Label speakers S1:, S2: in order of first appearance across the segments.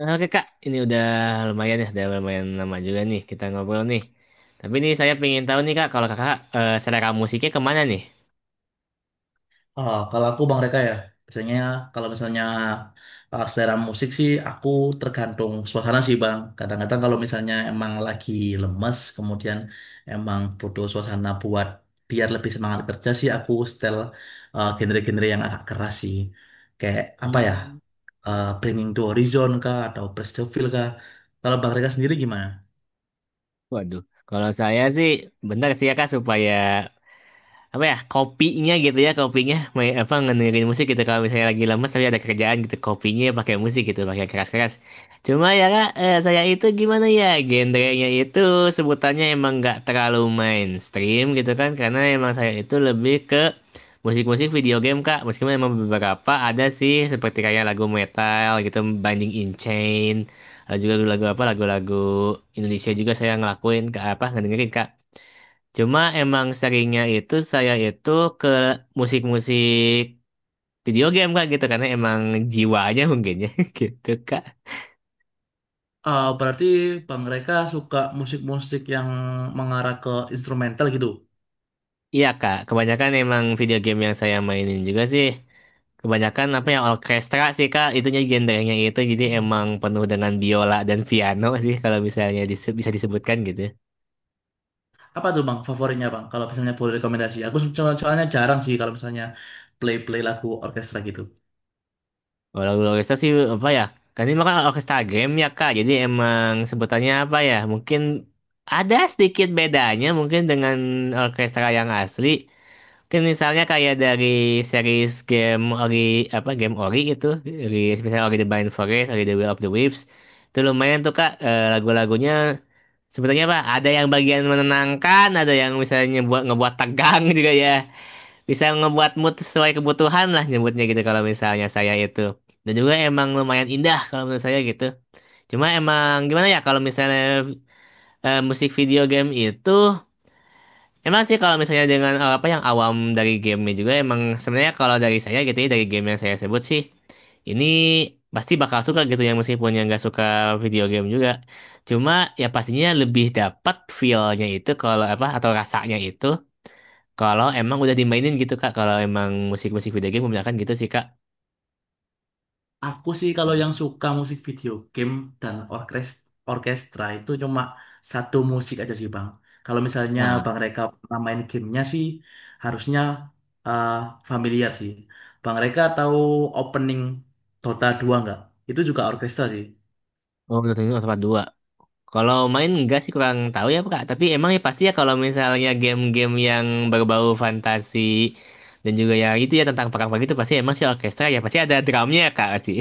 S1: Oke Kak, ini udah lumayan ya, udah lumayan lama juga nih kita ngobrol nih. Tapi nih saya pengen tahu nih Kak, kalau Kakak selera musiknya kemana nih?
S2: Kalau aku Bang Reka ya, biasanya kalau misalnya selera musik sih aku tergantung suasana sih Bang. Kadang-kadang kalau misalnya emang lagi lemes, kemudian emang butuh suasana buat biar lebih semangat kerja sih aku setel genre-genre yang agak keras sih. Kayak apa ya,
S1: Hmm.
S2: Bringing to Horizon kah, atau Praise the Feel kah. Kalau Bang Reka sendiri gimana?
S1: Waduh, kalau saya sih, bentar sih ya Kak supaya apa ya kopinya gitu ya kopinya main apa ngedengerin musik gitu kalau misalnya lagi lemes tapi ada kerjaan gitu kopinya pakai musik gitu pakai keras-keras cuma ya Kak, saya itu gimana ya genrenya itu sebutannya emang nggak terlalu mainstream gitu kan karena emang saya itu lebih ke musik-musik video game kak, meskipun emang beberapa ada sih seperti kayak lagu metal gitu Binding in Chain, ada juga lagu-lagu apa lagu-lagu Indonesia juga saya ngelakuin ke apa ngedengerin kak. Cuma emang seringnya itu saya itu ke musik-musik video game kak gitu karena emang jiwanya mungkin ya gitu kak.
S2: Berarti Bang Reka suka musik-musik yang mengarah ke instrumental gitu?
S1: Iya kak, kebanyakan emang video game yang saya mainin juga sih. Kebanyakan apa ya orkestra sih kak, itunya genrenya itu jadi emang penuh dengan biola dan piano sih kalau misalnya bisa disebutkan gitu.
S2: Apa tuh Bang favoritnya Bang? Kalau misalnya boleh rekomendasi, aku soalnya jarang sih kalau misalnya play-play lagu orkestra gitu.
S1: Oh, lagu orkestra sih apa ya? Kan ini makan orkestra game ya Kak. Jadi emang sebutannya apa ya? Mungkin ada sedikit bedanya mungkin dengan orkestra yang asli. Mungkin misalnya kayak dari series game Ori apa game Ori gitu, Ori, misalnya Ori the Blind Forest, Ori the Will of the Wisps. Itu lumayan tuh Kak, lagu-lagunya sebetulnya apa? Ada yang bagian menenangkan, ada yang misalnya buat ngebuat tegang juga ya, bisa ngebuat mood sesuai kebutuhan lah nyebutnya gitu kalau misalnya saya itu, dan juga emang lumayan indah kalau menurut saya gitu. Cuma emang gimana ya kalau misalnya musik video game itu emang sih kalau misalnya dengan apa yang awam dari gamenya juga emang sebenarnya kalau dari saya gitu ya dari game yang saya sebut sih ini pasti bakal suka gitu ya meskipun yang nggak suka video game juga, cuma ya pastinya lebih dapat feel-nya itu kalau apa atau rasanya itu kalau emang udah dimainin gitu Kak, kalau emang musik-musik video game kebanyakan gitu sih Kak.
S2: Aku sih kalau yang suka musik video game dan orkestra itu cuma satu musik aja sih Bang. Kalau misalnya
S1: Nah,
S2: Bang Reka pernah main gamenya sih harusnya eh, familiar sih. Bang Reka tahu opening Dota 2 nggak? Itu juga orkestra sih.
S1: oh menurutnya Otopat 2. Kalau main enggak sih kurang tahu ya Kak, tapi emang ya pasti ya kalau misalnya game-game yang berbau fantasi dan juga ya itu ya tentang perang-perang itu pasti emang sih orkestra ya, pasti ada drumnya ya Kak pasti.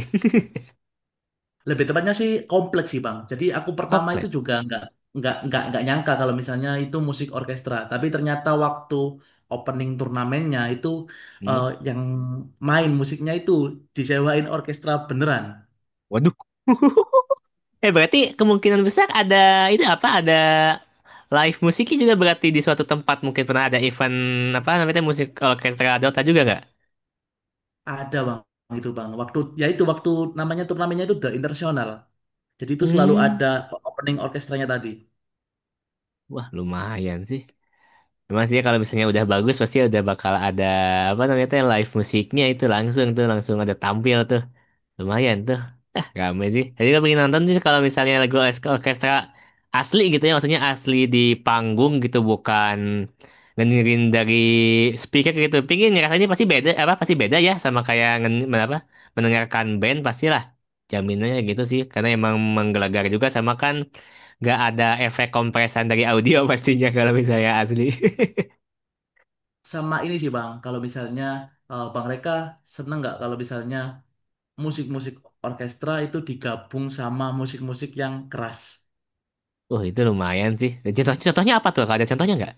S2: Lebih tepatnya sih kompleks sih Bang. Jadi aku pertama itu
S1: Koplet.
S2: juga nggak nyangka kalau misalnya itu musik orkestra. Tapi ternyata waktu opening turnamennya itu,
S1: Hmm?
S2: yang main musiknya itu disewain orkestra beneran.
S1: Waduh. Berarti kemungkinan besar ada itu apa ada live musiknya juga berarti di suatu tempat mungkin pernah ada event apa namanya musik orkestra Dota juga nggak?
S2: Ada Bang itu Bang. Waktu ya itu waktu namanya turnamennya itu The International. Jadi itu selalu
S1: Hmm.
S2: ada opening orkestranya tadi.
S1: Wah, lumayan sih. Emang sih ya, kalau misalnya udah bagus pasti udah bakal ada apa namanya tuh live musiknya itu langsung tuh langsung ada tampil tuh. Lumayan tuh. Ah, rame sih. Jadi gue pengen nonton sih kalau misalnya lagu orkestra asli gitu ya, maksudnya asli di panggung gitu bukan ngedengerin dari speaker gitu. Pingin rasanya pasti beda apa pasti beda ya sama kayak apa mendengarkan band pastilah. Jaminannya gitu sih karena emang menggelegar juga sama kan nggak ada efek kompresan dari audio pastinya kalau misalnya asli.
S2: Sama ini sih Bang. Kalau misalnya Bang Reka seneng nggak kalau misalnya musik-musik orkestra itu digabung sama musik-musik yang keras.
S1: Wah itu lumayan sih. Contoh, contohnya apa tuh? Kalau ada contohnya nggak?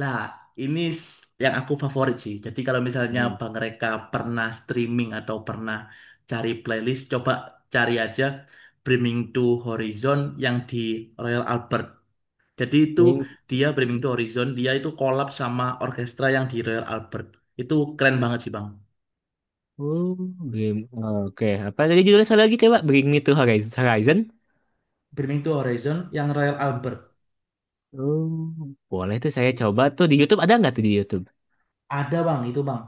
S2: Lah, ini yang aku favorit sih. Jadi kalau misalnya
S1: Hmm.
S2: Bang Reka pernah streaming atau pernah cari playlist, coba cari aja Brimming to Horizon yang di Royal Albert. Jadi itu
S1: Ini-
S2: dia Brimming to Horizon, dia itu collab sama orkestra yang di Royal Albert. Itu keren banget sih, Bang.
S1: Oh, game. Oke. Apa tadi judulnya sekali lagi coba? Bring Me to Horizon.
S2: Brimming to Horizon yang Royal Albert.
S1: Oh, boleh tuh saya coba tuh di YouTube, ada nggak tuh di YouTube?
S2: Ada, Bang, itu, Bang.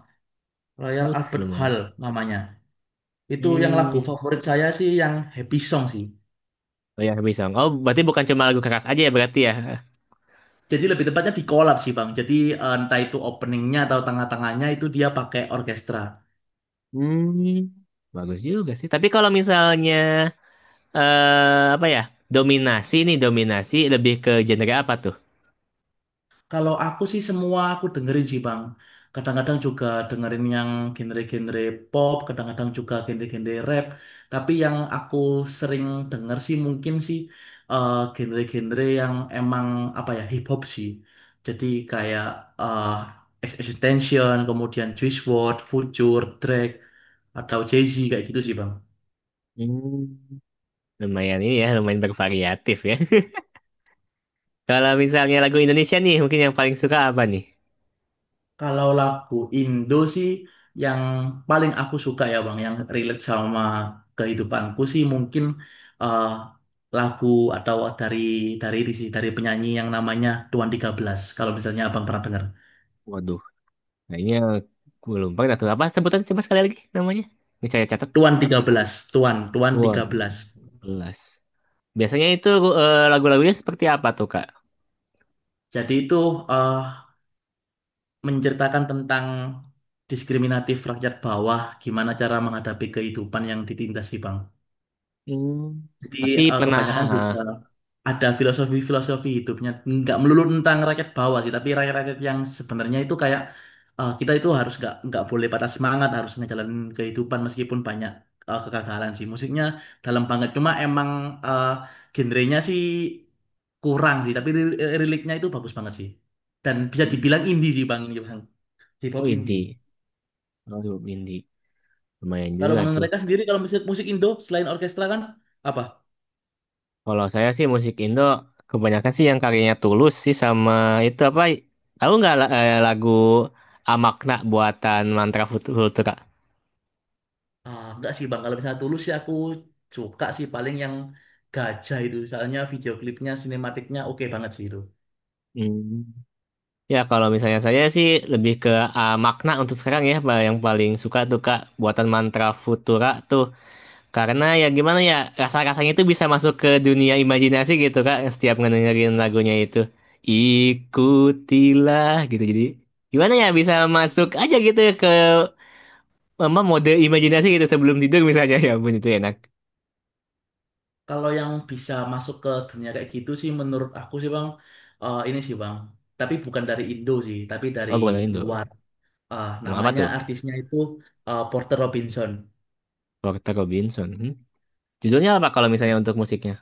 S2: Royal Albert
S1: Lumayan.
S2: Hall namanya. Itu yang lagu
S1: Hmm.
S2: favorit saya sih yang Happy Song sih.
S1: Oh ya, bisa. Oh, berarti bukan cuma lagu keras aja ya berarti ya?
S2: Jadi lebih tepatnya di collab sih Bang. Jadi entah itu openingnya atau tengah-tengahnya itu dia pakai orkestra.
S1: Hmm. Bagus juga sih. Tapi kalau misalnya apa ya? Dominasi nih, dominasi lebih ke genre apa tuh?
S2: Kalau aku sih semua aku dengerin sih Bang. Kadang-kadang juga dengerin yang genre-genre pop, kadang-kadang juga genre-genre rap. Tapi yang aku sering denger sih mungkin sih genre-genre yang emang apa ya hip hop sih. Jadi kayak eh, Extension, kemudian Juice WRLD, Future, Drake, atau Jay-Z kayak gitu sih Bang.
S1: Hmm. Lumayan ini ya, lumayan bervariatif ya. Kalau misalnya lagu Indonesia nih, mungkin yang paling suka apa nih?
S2: Kalau lagu Indo sih yang paling aku suka ya Bang, yang relate sama kehidupanku sih mungkin eh, lagu atau dari ini sih, dari penyanyi yang namanya Tuan Tiga Belas. Kalau misalnya Abang pernah dengar.
S1: Waduh, kayaknya gue lupa dah tuh apa sebutan coba sekali lagi namanya. Ini saya catat.
S2: Tuan Tiga Belas Tuan, Tuan Tiga
S1: Tuan
S2: Belas
S1: belas. Biasanya itu lagu-lagunya seperti apa tuh, Kak?
S2: Jadi itu eh, menceritakan tentang diskriminatif rakyat bawah, gimana cara menghadapi kehidupan yang ditindas sih Bang.
S1: Hmm.
S2: Jadi
S1: Tapi pernah
S2: kebanyakan
S1: ah,
S2: juga ada filosofi-filosofi hidupnya. Nggak melulu tentang rakyat bawah sih, tapi rakyat-rakyat yang sebenarnya itu kayak kita itu harus nggak boleh patah semangat, harus ngejalanin kehidupan meskipun banyak kegagalan sih. Musiknya dalam banget, cuma emang eh, genrenya sih kurang sih, tapi liriknya itu bagus banget sih. Dan bisa
S1: hmm.
S2: dibilang indie sih Bang ini Bang, hip
S1: Oh
S2: hop indie.
S1: indie. Oh, indie. Lumayan
S2: Kalau
S1: juga
S2: Bang
S1: tuh.
S2: mereka sendiri kalau musik musik Indo selain orkestra kan apa?
S1: Kalau saya sih musik Indo kebanyakan sih yang karyanya Tulus sih sama itu apa? Tahu nggak lagu Amakna buatan Mantra Futura?
S2: Enggak sih Bang, kalau misalnya Tulus sih aku suka sih paling yang gajah itu. Misalnya video klipnya, sinematiknya oke banget sih itu.
S1: Hmm. Ya kalau misalnya saya sih lebih ke makna untuk sekarang ya Pak, yang paling suka tuh Kak buatan Mantra Futura tuh karena ya gimana ya rasa-rasanya itu bisa masuk ke dunia imajinasi gitu Kak, setiap ngedengerin lagunya itu ikutilah gitu jadi gimana ya bisa masuk aja gitu ke Mama mode imajinasi gitu sebelum tidur misalnya ya ampun itu enak.
S2: Kalau yang bisa masuk ke dunia kayak gitu sih menurut aku sih Bang, ini sih Bang. Tapi bukan dari Indo sih, tapi dari
S1: Oh bukan Indo.
S2: luar.
S1: Mau apa
S2: Namanya
S1: tuh?
S2: artisnya itu Porter Robinson.
S1: Porter Robinson. Hmm? Judulnya apa kalau misalnya untuk musiknya?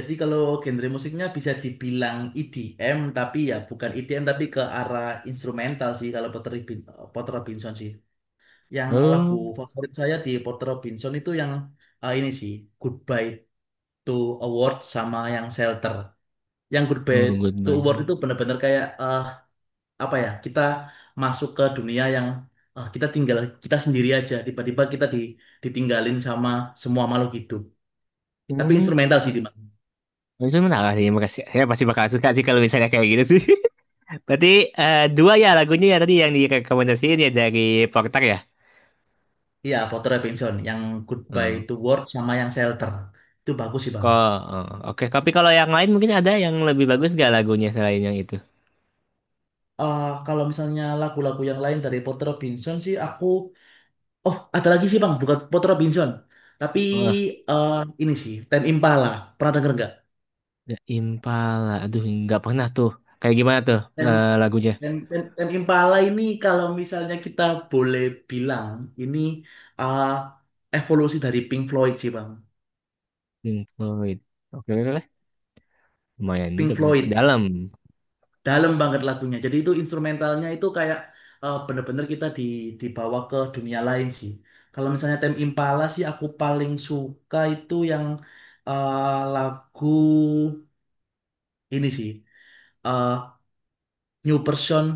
S2: Jadi kalau genre musiknya bisa dibilang EDM, tapi ya bukan EDM tapi ke arah instrumental sih kalau Porter Robinson sih. Yang lagu
S1: Oh,
S2: favorit saya di Porter Robinson itu yang ini sih, Goodbye to Award sama yang Shelter. Yang Goodbye
S1: oh
S2: to
S1: goodbye.
S2: Award itu benar-benar kayak apa ya? Kita masuk ke dunia yang kita tinggal kita sendiri aja. Tiba-tiba kita ditinggalin sama semua makhluk hidup. Tapi
S1: Hmm.
S2: instrumental sih, Bang.
S1: Itu menarik sih, makasih. Saya pasti bakal suka sih kalau misalnya kayak gitu sih. Berarti dua ya lagunya ya tadi yang direkomendasiin ya dari Porter ya.
S2: Iya, Porter Robinson. Yang Goodbye
S1: Hmm.
S2: to Award sama yang Shelter. Itu bagus sih, Bang.
S1: Kok, oh, oke. Tapi kalau yang lain mungkin ada yang lebih bagus gak lagunya selain yang itu?
S2: Kalau misalnya lagu-lagu yang lain dari Porter Robinson sih aku. Oh, ada lagi sih Bang, bukan Port Robinson. Tapi
S1: Oh,
S2: eh, ini sih, Ten Impala. Pernah denger nggak?
S1: The Impala. Aduh, nggak pernah tuh. Kayak gimana tuh
S2: Tem
S1: lagunya?
S2: Tem Tem Ten Impala ini kalau misalnya kita boleh bilang, ini eh, evolusi dari Pink Floyd sih Bang.
S1: Pink Floyd. Oke, oke, oke. Lumayan juga
S2: Pink
S1: berarti.
S2: Floyd,
S1: Dalam.
S2: dalam banget lagunya. Jadi itu instrumentalnya itu kayak bener-bener kita dibawa ke dunia lain sih. Kalau misalnya Tem Impala sih aku paling suka itu yang eh, lagu ini sih. eh, New person,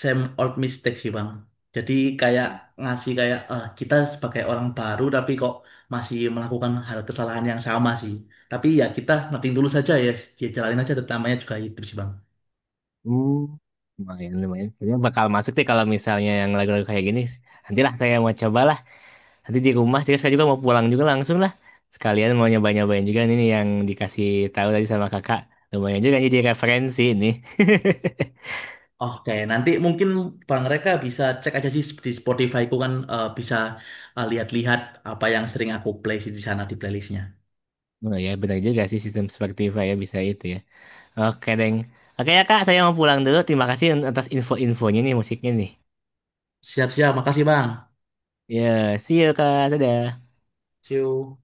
S2: same old mistake sih Bang. Jadi kayak ngasih kayak kita sebagai orang baru tapi kok masih melakukan hal kesalahan yang sama sih. Tapi ya kita noting dulu saja ya, dia jalanin aja namanya juga itu sih Bang.
S1: Uh, lumayan, lumayan. Kayaknya bakal masuk deh kalau misalnya yang lagu-lagu kayak gini. Nantilah saya mau cobalah. Nanti di rumah, jadi saya juga mau pulang juga langsung lah. Sekalian mau nyoba-nyobain juga ini nih yang dikasih tahu tadi sama kakak. Lumayan juga jadi referensi ini
S2: Oke, nanti mungkin Bang Reka bisa cek aja sih di Spotify ku kan bisa lihat-lihat apa yang sering aku play sih di sana di playlistnya.
S1: Oh ya, benar juga sih sistem Spotify ya bisa itu ya. Oke, Deng. Oke ya, Kak. Saya mau pulang dulu. Terima kasih atas info-infonya nih musiknya nih.
S2: Siap-siap, makasih Bang.
S1: Ya, see you, Kak. Dadah.
S2: See you.